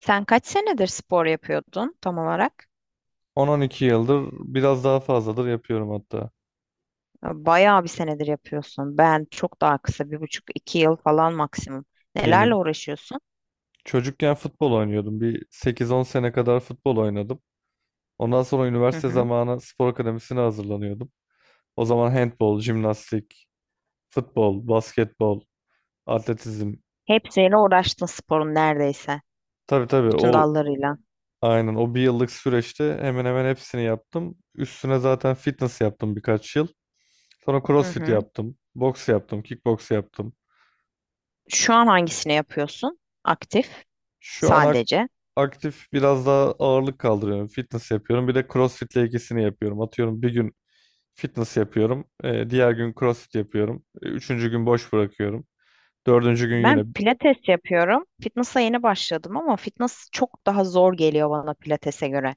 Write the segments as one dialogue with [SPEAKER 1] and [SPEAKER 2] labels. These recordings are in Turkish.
[SPEAKER 1] Sen kaç senedir spor yapıyordun tam olarak?
[SPEAKER 2] 10-12 yıldır biraz daha fazladır yapıyorum hatta.
[SPEAKER 1] Bayağı bir senedir yapıyorsun. Ben çok daha kısa, bir buçuk, iki yıl falan maksimum. Nelerle
[SPEAKER 2] Yeni
[SPEAKER 1] uğraşıyorsun?
[SPEAKER 2] Çocukken futbol oynuyordum. Bir 8-10 sene kadar futbol oynadım. Ondan sonra
[SPEAKER 1] Hı
[SPEAKER 2] üniversite
[SPEAKER 1] hı.
[SPEAKER 2] zamanı spor akademisine hazırlanıyordum. O zaman handbol, jimnastik, futbol, basketbol, atletizm.
[SPEAKER 1] Hepsiyle uğraştın sporun neredeyse.
[SPEAKER 2] Tabii tabii,
[SPEAKER 1] Bütün dallarıyla.
[SPEAKER 2] o bir yıllık süreçte hemen hemen hepsini yaptım. Üstüne zaten fitness yaptım birkaç yıl. Sonra
[SPEAKER 1] Hı
[SPEAKER 2] crossfit
[SPEAKER 1] hı.
[SPEAKER 2] yaptım, boks yaptım, kickboks yaptım.
[SPEAKER 1] Şu an hangisini yapıyorsun? Aktif
[SPEAKER 2] Şu an ak-
[SPEAKER 1] sadece.
[SPEAKER 2] Aktif biraz daha ağırlık kaldırıyorum. Fitness yapıyorum. Bir de CrossFit'le ikisini yapıyorum. Atıyorum bir gün fitness yapıyorum. Diğer gün CrossFit yapıyorum. Üçüncü gün boş bırakıyorum. Dördüncü gün
[SPEAKER 1] Ben
[SPEAKER 2] yine
[SPEAKER 1] pilates yapıyorum. Fitness'a yeni başladım ama fitness çok daha zor geliyor bana pilates'e göre.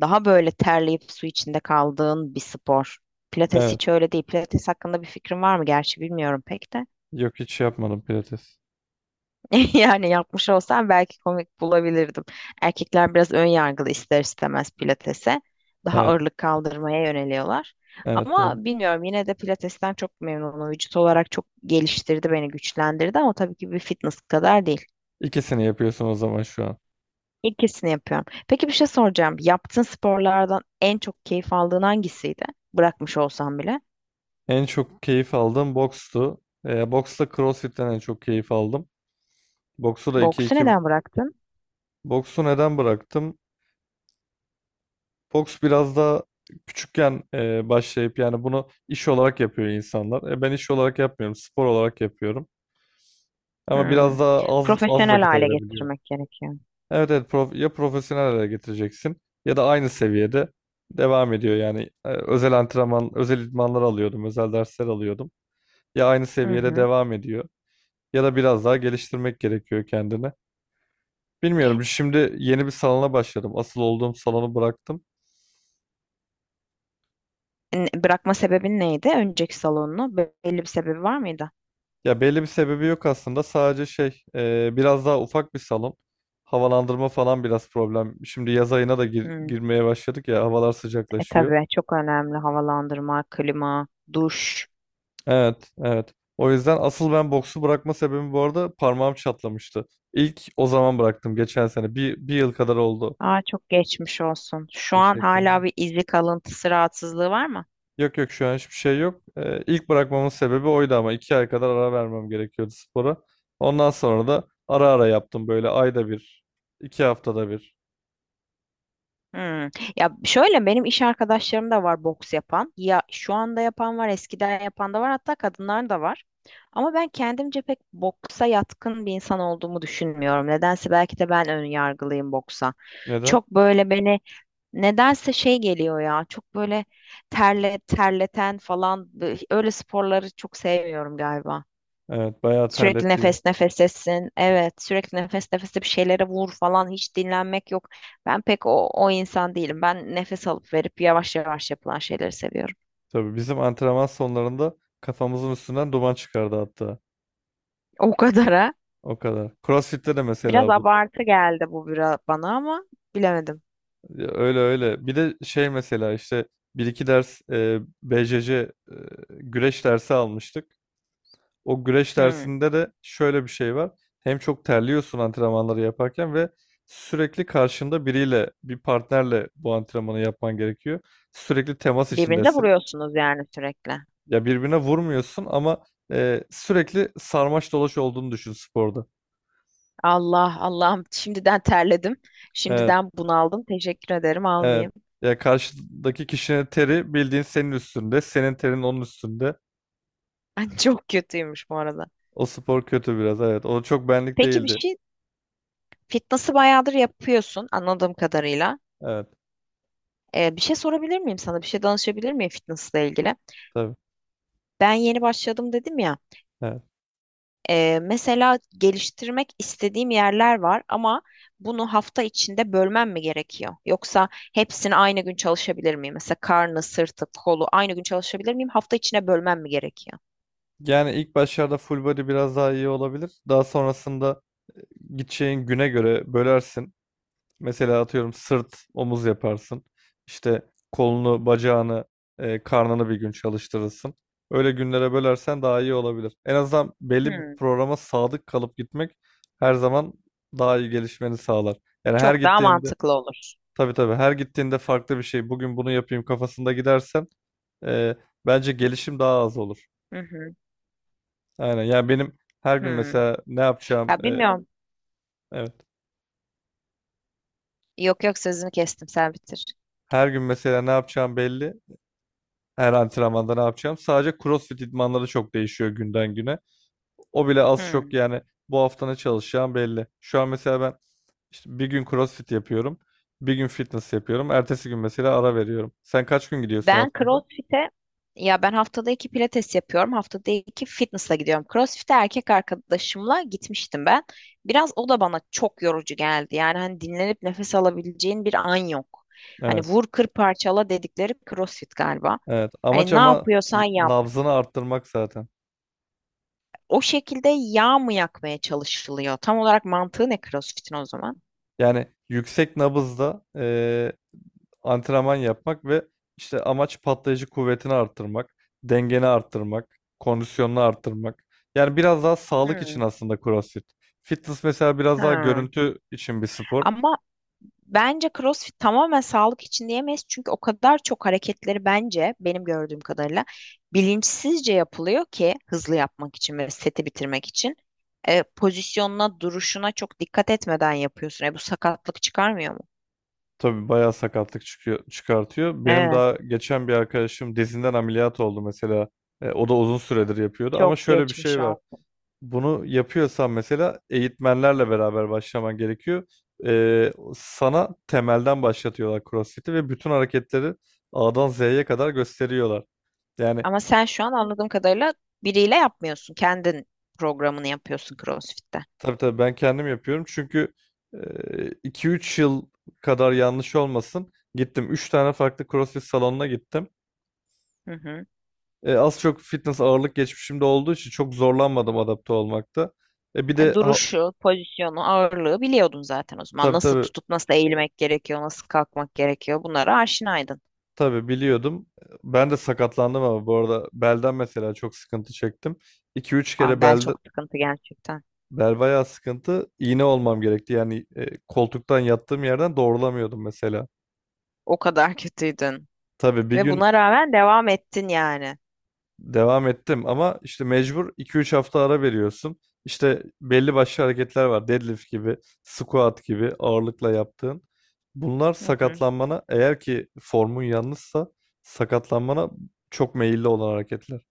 [SPEAKER 1] Daha böyle terleyip su içinde kaldığın bir spor. Pilates
[SPEAKER 2] evet.
[SPEAKER 1] hiç öyle değil. Pilates hakkında bir fikrin var mı? Gerçi bilmiyorum pek de.
[SPEAKER 2] Yok, hiç şey yapmadım pilates.
[SPEAKER 1] Yani yapmış olsam belki komik bulabilirdim. Erkekler biraz ön yargılı ister istemez pilatese. Daha
[SPEAKER 2] Evet.
[SPEAKER 1] ağırlık kaldırmaya yöneliyorlar.
[SPEAKER 2] Evet. Evet.
[SPEAKER 1] Ama bilmiyorum yine de pilatesten çok memnunum. Vücut olarak çok geliştirdi beni, güçlendirdi ama tabii ki bir fitness kadar değil.
[SPEAKER 2] İkisini yapıyorsun o zaman şu an.
[SPEAKER 1] İkisini yapıyorum. Peki bir şey soracağım. Yaptığın sporlardan en çok keyif aldığın hangisiydi? Bırakmış olsan bile.
[SPEAKER 2] En çok keyif aldığım bokstu. Boksta CrossFit'ten en çok keyif aldım. Boksu da iki
[SPEAKER 1] Boksu
[SPEAKER 2] iki,
[SPEAKER 1] neden bıraktın?
[SPEAKER 2] boksu neden bıraktım? Fox biraz daha küçükken, başlayıp yani bunu iş olarak yapıyor insanlar. Ben iş olarak yapmıyorum, spor olarak yapıyorum. Ama
[SPEAKER 1] Hmm.
[SPEAKER 2] biraz daha az az
[SPEAKER 1] Profesyonel
[SPEAKER 2] vakit
[SPEAKER 1] hale
[SPEAKER 2] ayırabiliyorum.
[SPEAKER 1] getirmek gerekiyor.
[SPEAKER 2] Evet, evet, ya profesyonel hale getireceksin ya da aynı seviyede devam ediyor yani. Özel antrenman, özel idmanlar alıyordum, özel dersler alıyordum. Ya aynı
[SPEAKER 1] Hı
[SPEAKER 2] seviyede
[SPEAKER 1] hı.
[SPEAKER 2] devam ediyor ya da biraz daha geliştirmek gerekiyor kendini. Bilmiyorum. Şimdi yeni bir salona başladım. Asıl olduğum salonu bıraktım.
[SPEAKER 1] Bırakma sebebin neydi? Önceki salonunu belli bir sebebi var mıydı?
[SPEAKER 2] Ya belli bir sebebi yok aslında. Sadece şey, biraz daha ufak bir salon. Havalandırma falan biraz problem. Şimdi yaz ayına da
[SPEAKER 1] Hmm.
[SPEAKER 2] girmeye başladık ya. Havalar
[SPEAKER 1] E
[SPEAKER 2] sıcaklaşıyor.
[SPEAKER 1] tabii çok önemli havalandırma, klima, duş.
[SPEAKER 2] Evet, evet. O yüzden asıl ben boksu bırakma sebebim, bu arada parmağım çatlamıştı. İlk o zaman bıraktım geçen sene. Bir yıl kadar oldu.
[SPEAKER 1] Aa çok geçmiş olsun. Şu an
[SPEAKER 2] Teşekkür
[SPEAKER 1] hala
[SPEAKER 2] ederim.
[SPEAKER 1] bir izi kalıntısı rahatsızlığı var mı?
[SPEAKER 2] Yok, yok, şu an hiçbir şey yok. İlk bırakmamın sebebi oydu ama 2 ay kadar ara vermem gerekiyordu spora. Ondan sonra da ara ara yaptım, böyle ayda bir, 2 haftada bir.
[SPEAKER 1] Hmm. Ya şöyle benim iş arkadaşlarım da var boks yapan. Ya şu anda yapan var, eskiden yapan da var, hatta kadınlar da var. Ama ben kendimce pek boksa yatkın bir insan olduğumu düşünmüyorum. Nedense belki de ben ön yargılıyım boksa.
[SPEAKER 2] Neden?
[SPEAKER 1] Çok böyle beni nedense şey geliyor ya. Çok böyle terleten falan öyle sporları çok sevmiyorum galiba.
[SPEAKER 2] Evet, bayağı
[SPEAKER 1] Sürekli
[SPEAKER 2] terletiyor.
[SPEAKER 1] nefes nefesesin. Evet, sürekli nefes nefese bir şeylere vur falan hiç dinlenmek yok. Ben pek o insan değilim. Ben nefes alıp verip yavaş yavaş yapılan şeyleri seviyorum.
[SPEAKER 2] Tabii bizim antrenman sonlarında kafamızın üstünden duman çıkardı hatta.
[SPEAKER 1] O kadara.
[SPEAKER 2] O kadar. CrossFit'te de
[SPEAKER 1] Biraz
[SPEAKER 2] mesela bu.
[SPEAKER 1] abartı geldi bu biraz bana ama bilemedim.
[SPEAKER 2] Ya, öyle öyle. Bir de şey mesela işte bir iki ders, BCC, güreş dersi almıştık. O güreş
[SPEAKER 1] Hmm.
[SPEAKER 2] dersinde de şöyle bir şey var. Hem çok terliyorsun antrenmanları yaparken ve sürekli karşında biriyle, bir partnerle bu antrenmanı yapman gerekiyor. Sürekli temas
[SPEAKER 1] Birbirinize
[SPEAKER 2] içindesin.
[SPEAKER 1] vuruyorsunuz yani sürekli.
[SPEAKER 2] Ya, birbirine vurmuyorsun ama sürekli sarmaş dolaş olduğunu düşün sporda.
[SPEAKER 1] Allah Allah'ım şimdiden terledim.
[SPEAKER 2] Evet,
[SPEAKER 1] Şimdiden bunaldım. Teşekkür ederim
[SPEAKER 2] evet.
[SPEAKER 1] almayayım.
[SPEAKER 2] Ya karşıdaki kişinin teri bildiğin senin üstünde, senin terin onun üstünde.
[SPEAKER 1] Ben çok kötüymüş bu arada.
[SPEAKER 2] O spor kötü biraz, evet. O çok benlik
[SPEAKER 1] Peki bir
[SPEAKER 2] değildi.
[SPEAKER 1] şey fitness'ı bayağıdır yapıyorsun anladığım kadarıyla.
[SPEAKER 2] Evet,
[SPEAKER 1] Bir şey sorabilir miyim sana? Bir şey danışabilir miyim fitnessla ilgili?
[SPEAKER 2] tabii.
[SPEAKER 1] Ben yeni başladım dedim ya.
[SPEAKER 2] Evet.
[SPEAKER 1] Mesela geliştirmek istediğim yerler var ama bunu hafta içinde bölmem mi gerekiyor? Yoksa hepsini aynı gün çalışabilir miyim? Mesela karnı, sırtı, kolu aynı gün çalışabilir miyim? Hafta içine bölmem mi gerekiyor?
[SPEAKER 2] Yani ilk başlarda full body biraz daha iyi olabilir. Daha sonrasında gideceğin güne göre bölersin. Mesela atıyorum sırt, omuz yaparsın. İşte kolunu, bacağını, karnını bir gün çalıştırırsın. Öyle günlere bölersen daha iyi olabilir. En azından belli bir
[SPEAKER 1] Hmm,
[SPEAKER 2] programa sadık kalıp gitmek her zaman daha iyi gelişmeni sağlar. Yani her
[SPEAKER 1] çok daha
[SPEAKER 2] gittiğinde
[SPEAKER 1] mantıklı olur.
[SPEAKER 2] tabii tabii, her gittiğinde farklı bir şey. Bugün bunu yapayım kafasında gidersen, e, bence gelişim daha az olur.
[SPEAKER 1] Hı hı,
[SPEAKER 2] Aynen. Yani benim her gün
[SPEAKER 1] hmm.
[SPEAKER 2] mesela ne yapacağım,
[SPEAKER 1] Ya bilmiyorum.
[SPEAKER 2] evet.
[SPEAKER 1] Yok yok sözünü kestim sen bitir.
[SPEAKER 2] Her gün mesela ne yapacağım belli. Her antrenmanda ne yapacağım. Sadece CrossFit idmanları çok değişiyor günden güne. O bile az çok
[SPEAKER 1] Hmm.
[SPEAKER 2] yani, bu hafta ne çalışacağım belli. Şu an mesela ben işte bir gün CrossFit yapıyorum. Bir gün fitness yapıyorum. Ertesi gün mesela ara veriyorum. Sen kaç gün gidiyorsun
[SPEAKER 1] Ben
[SPEAKER 2] haftada?
[SPEAKER 1] CrossFit'e ya ben haftada iki pilates yapıyorum. Haftada iki fitness'a gidiyorum. CrossFit'e erkek arkadaşımla gitmiştim ben. Biraz o da bana çok yorucu geldi. Yani hani dinlenip nefes alabileceğin bir an yok. Hani
[SPEAKER 2] Evet.
[SPEAKER 1] vur kır parçala dedikleri CrossFit galiba.
[SPEAKER 2] Evet. Amaç
[SPEAKER 1] Hani ne
[SPEAKER 2] ama
[SPEAKER 1] yapıyorsan yap.
[SPEAKER 2] nabzını arttırmak zaten.
[SPEAKER 1] O şekilde yağ mı yakmaya çalışılıyor? Tam olarak mantığı ne CrossFit'in o zaman?
[SPEAKER 2] Yani yüksek nabızda, antrenman yapmak ve işte amaç patlayıcı kuvvetini arttırmak, dengeni arttırmak, kondisyonunu arttırmak. Yani biraz daha sağlık
[SPEAKER 1] Hmm.
[SPEAKER 2] için aslında CrossFit. Fitness mesela biraz daha
[SPEAKER 1] Hmm.
[SPEAKER 2] görüntü için bir spor.
[SPEAKER 1] Ama bence CrossFit tamamen sağlık için diyemeyiz. Çünkü o kadar çok hareketleri bence benim gördüğüm kadarıyla bilinçsizce yapılıyor ki hızlı yapmak için ve seti bitirmek için. Pozisyonuna, duruşuna çok dikkat etmeden yapıyorsun. Bu sakatlık çıkarmıyor mu?
[SPEAKER 2] Tabii bayağı sakatlık çıkıyor, çıkartıyor. Benim
[SPEAKER 1] Evet,
[SPEAKER 2] daha geçen bir arkadaşım dizinden ameliyat oldu mesela. O da uzun süredir yapıyordu ama
[SPEAKER 1] çok
[SPEAKER 2] şöyle bir
[SPEAKER 1] geçmiş
[SPEAKER 2] şey
[SPEAKER 1] ol.
[SPEAKER 2] var. Bunu yapıyorsan mesela eğitmenlerle beraber başlaman gerekiyor. Sana temelden başlatıyorlar CrossFit'i ve bütün hareketleri A'dan Z'ye kadar gösteriyorlar. Yani
[SPEAKER 1] Ama sen şu an anladığım kadarıyla biriyle yapmıyorsun. Kendin programını yapıyorsun CrossFit'te.
[SPEAKER 2] tabii tabii, ben kendim yapıyorum çünkü 2-3 yıl kadar, yanlış olmasın, gittim 3 tane farklı CrossFit salonuna gittim.
[SPEAKER 1] Hı hı.
[SPEAKER 2] Az çok fitness ağırlık geçmişimde olduğu için çok zorlanmadım adapte olmakta. Bir de
[SPEAKER 1] Duruşu, pozisyonu, ağırlığı biliyordun zaten o zaman.
[SPEAKER 2] tabii
[SPEAKER 1] Nasıl
[SPEAKER 2] tabii.
[SPEAKER 1] tutup nasıl eğilmek gerekiyor, nasıl kalkmak gerekiyor bunlara aşinaydın.
[SPEAKER 2] Tabii biliyordum. Ben de sakatlandım ama bu arada belden mesela çok sıkıntı çektim. 2 üç
[SPEAKER 1] Aa,
[SPEAKER 2] kere
[SPEAKER 1] bel
[SPEAKER 2] belde,
[SPEAKER 1] çok sıkıntı gerçekten.
[SPEAKER 2] bel bayağı sıkıntı. İğne olmam gerekti. Yani, koltuktan yattığım yerden doğrulamıyordum mesela.
[SPEAKER 1] O kadar kötüydün.
[SPEAKER 2] Tabii bir
[SPEAKER 1] Ve
[SPEAKER 2] gün
[SPEAKER 1] buna rağmen devam ettin yani.
[SPEAKER 2] devam ettim ama işte mecbur 2-3 hafta ara veriyorsun. İşte belli başlı hareketler var. Deadlift gibi, squat gibi ağırlıkla yaptığın. Bunlar
[SPEAKER 1] Hı hı.
[SPEAKER 2] sakatlanmana, eğer ki formun yanlışsa sakatlanmana çok meyilli olan hareketler.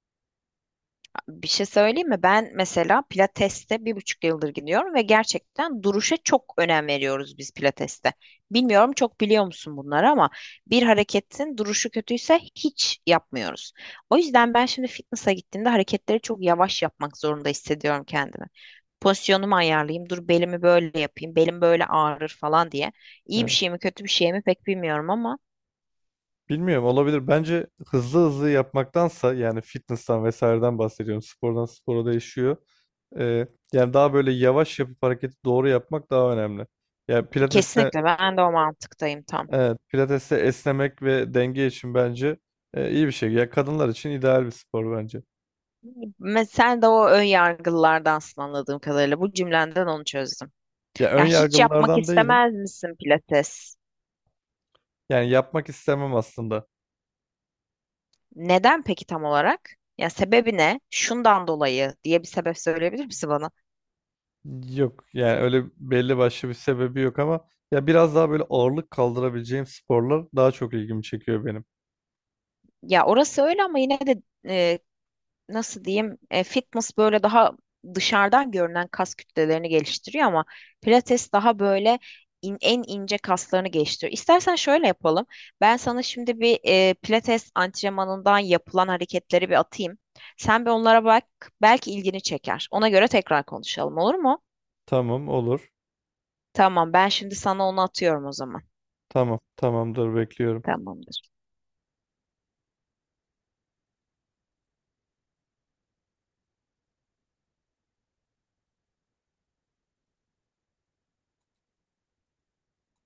[SPEAKER 1] Bir şey söyleyeyim mi? Ben mesela Pilates'te bir buçuk yıldır gidiyorum ve gerçekten duruşa çok önem veriyoruz biz Pilates'te. Bilmiyorum çok biliyor musun bunları ama bir hareketin duruşu kötüyse hiç yapmıyoruz. O yüzden ben şimdi fitness'a gittiğimde hareketleri çok yavaş yapmak zorunda hissediyorum kendimi. Pozisyonumu ayarlayayım, dur belimi böyle yapayım, belim böyle ağrır falan diye. İyi bir
[SPEAKER 2] Evet.
[SPEAKER 1] şey mi kötü bir şey mi pek bilmiyorum ama
[SPEAKER 2] Bilmiyorum, olabilir. Bence hızlı hızlı yapmaktansa, yani fitness'tan vesaireden bahsediyorum. Spordan spora değişiyor. Yani daha böyle yavaş yapıp hareketi doğru yapmak daha önemli. Yani pilates'te
[SPEAKER 1] kesinlikle ben de o mantıktayım tam.
[SPEAKER 2] evet, pilates'te esnemek ve denge için bence, iyi bir şey. Ya kadınlar için ideal bir spor bence.
[SPEAKER 1] Mesela sen de o ön yargılardansın anladığım kadarıyla. Bu cümlenden onu çözdüm.
[SPEAKER 2] Ya ön
[SPEAKER 1] Ya hiç yapmak
[SPEAKER 2] yargılılardan değilim.
[SPEAKER 1] istemez misin pilates?
[SPEAKER 2] Yani yapmak istemem aslında.
[SPEAKER 1] Neden peki tam olarak? Ya sebebi ne? Şundan dolayı diye bir sebep söyleyebilir misin bana?
[SPEAKER 2] Yok yani, öyle belli başlı bir sebebi yok ama ya biraz daha böyle ağırlık kaldırabileceğim sporlar daha çok ilgimi çekiyor benim.
[SPEAKER 1] Ya orası öyle ama yine de e, nasıl diyeyim fitness böyle daha dışarıdan görünen kas kütlelerini geliştiriyor ama pilates daha böyle en ince kaslarını geliştiriyor. İstersen şöyle yapalım. Ben sana şimdi bir pilates antrenmanından yapılan hareketleri bir atayım. Sen bir onlara bak. Belki ilgini çeker. Ona göre tekrar konuşalım olur mu?
[SPEAKER 2] Tamam, olur.
[SPEAKER 1] Tamam, ben şimdi sana onu atıyorum o zaman.
[SPEAKER 2] Tamam, tamamdır, bekliyorum.
[SPEAKER 1] Tamamdır.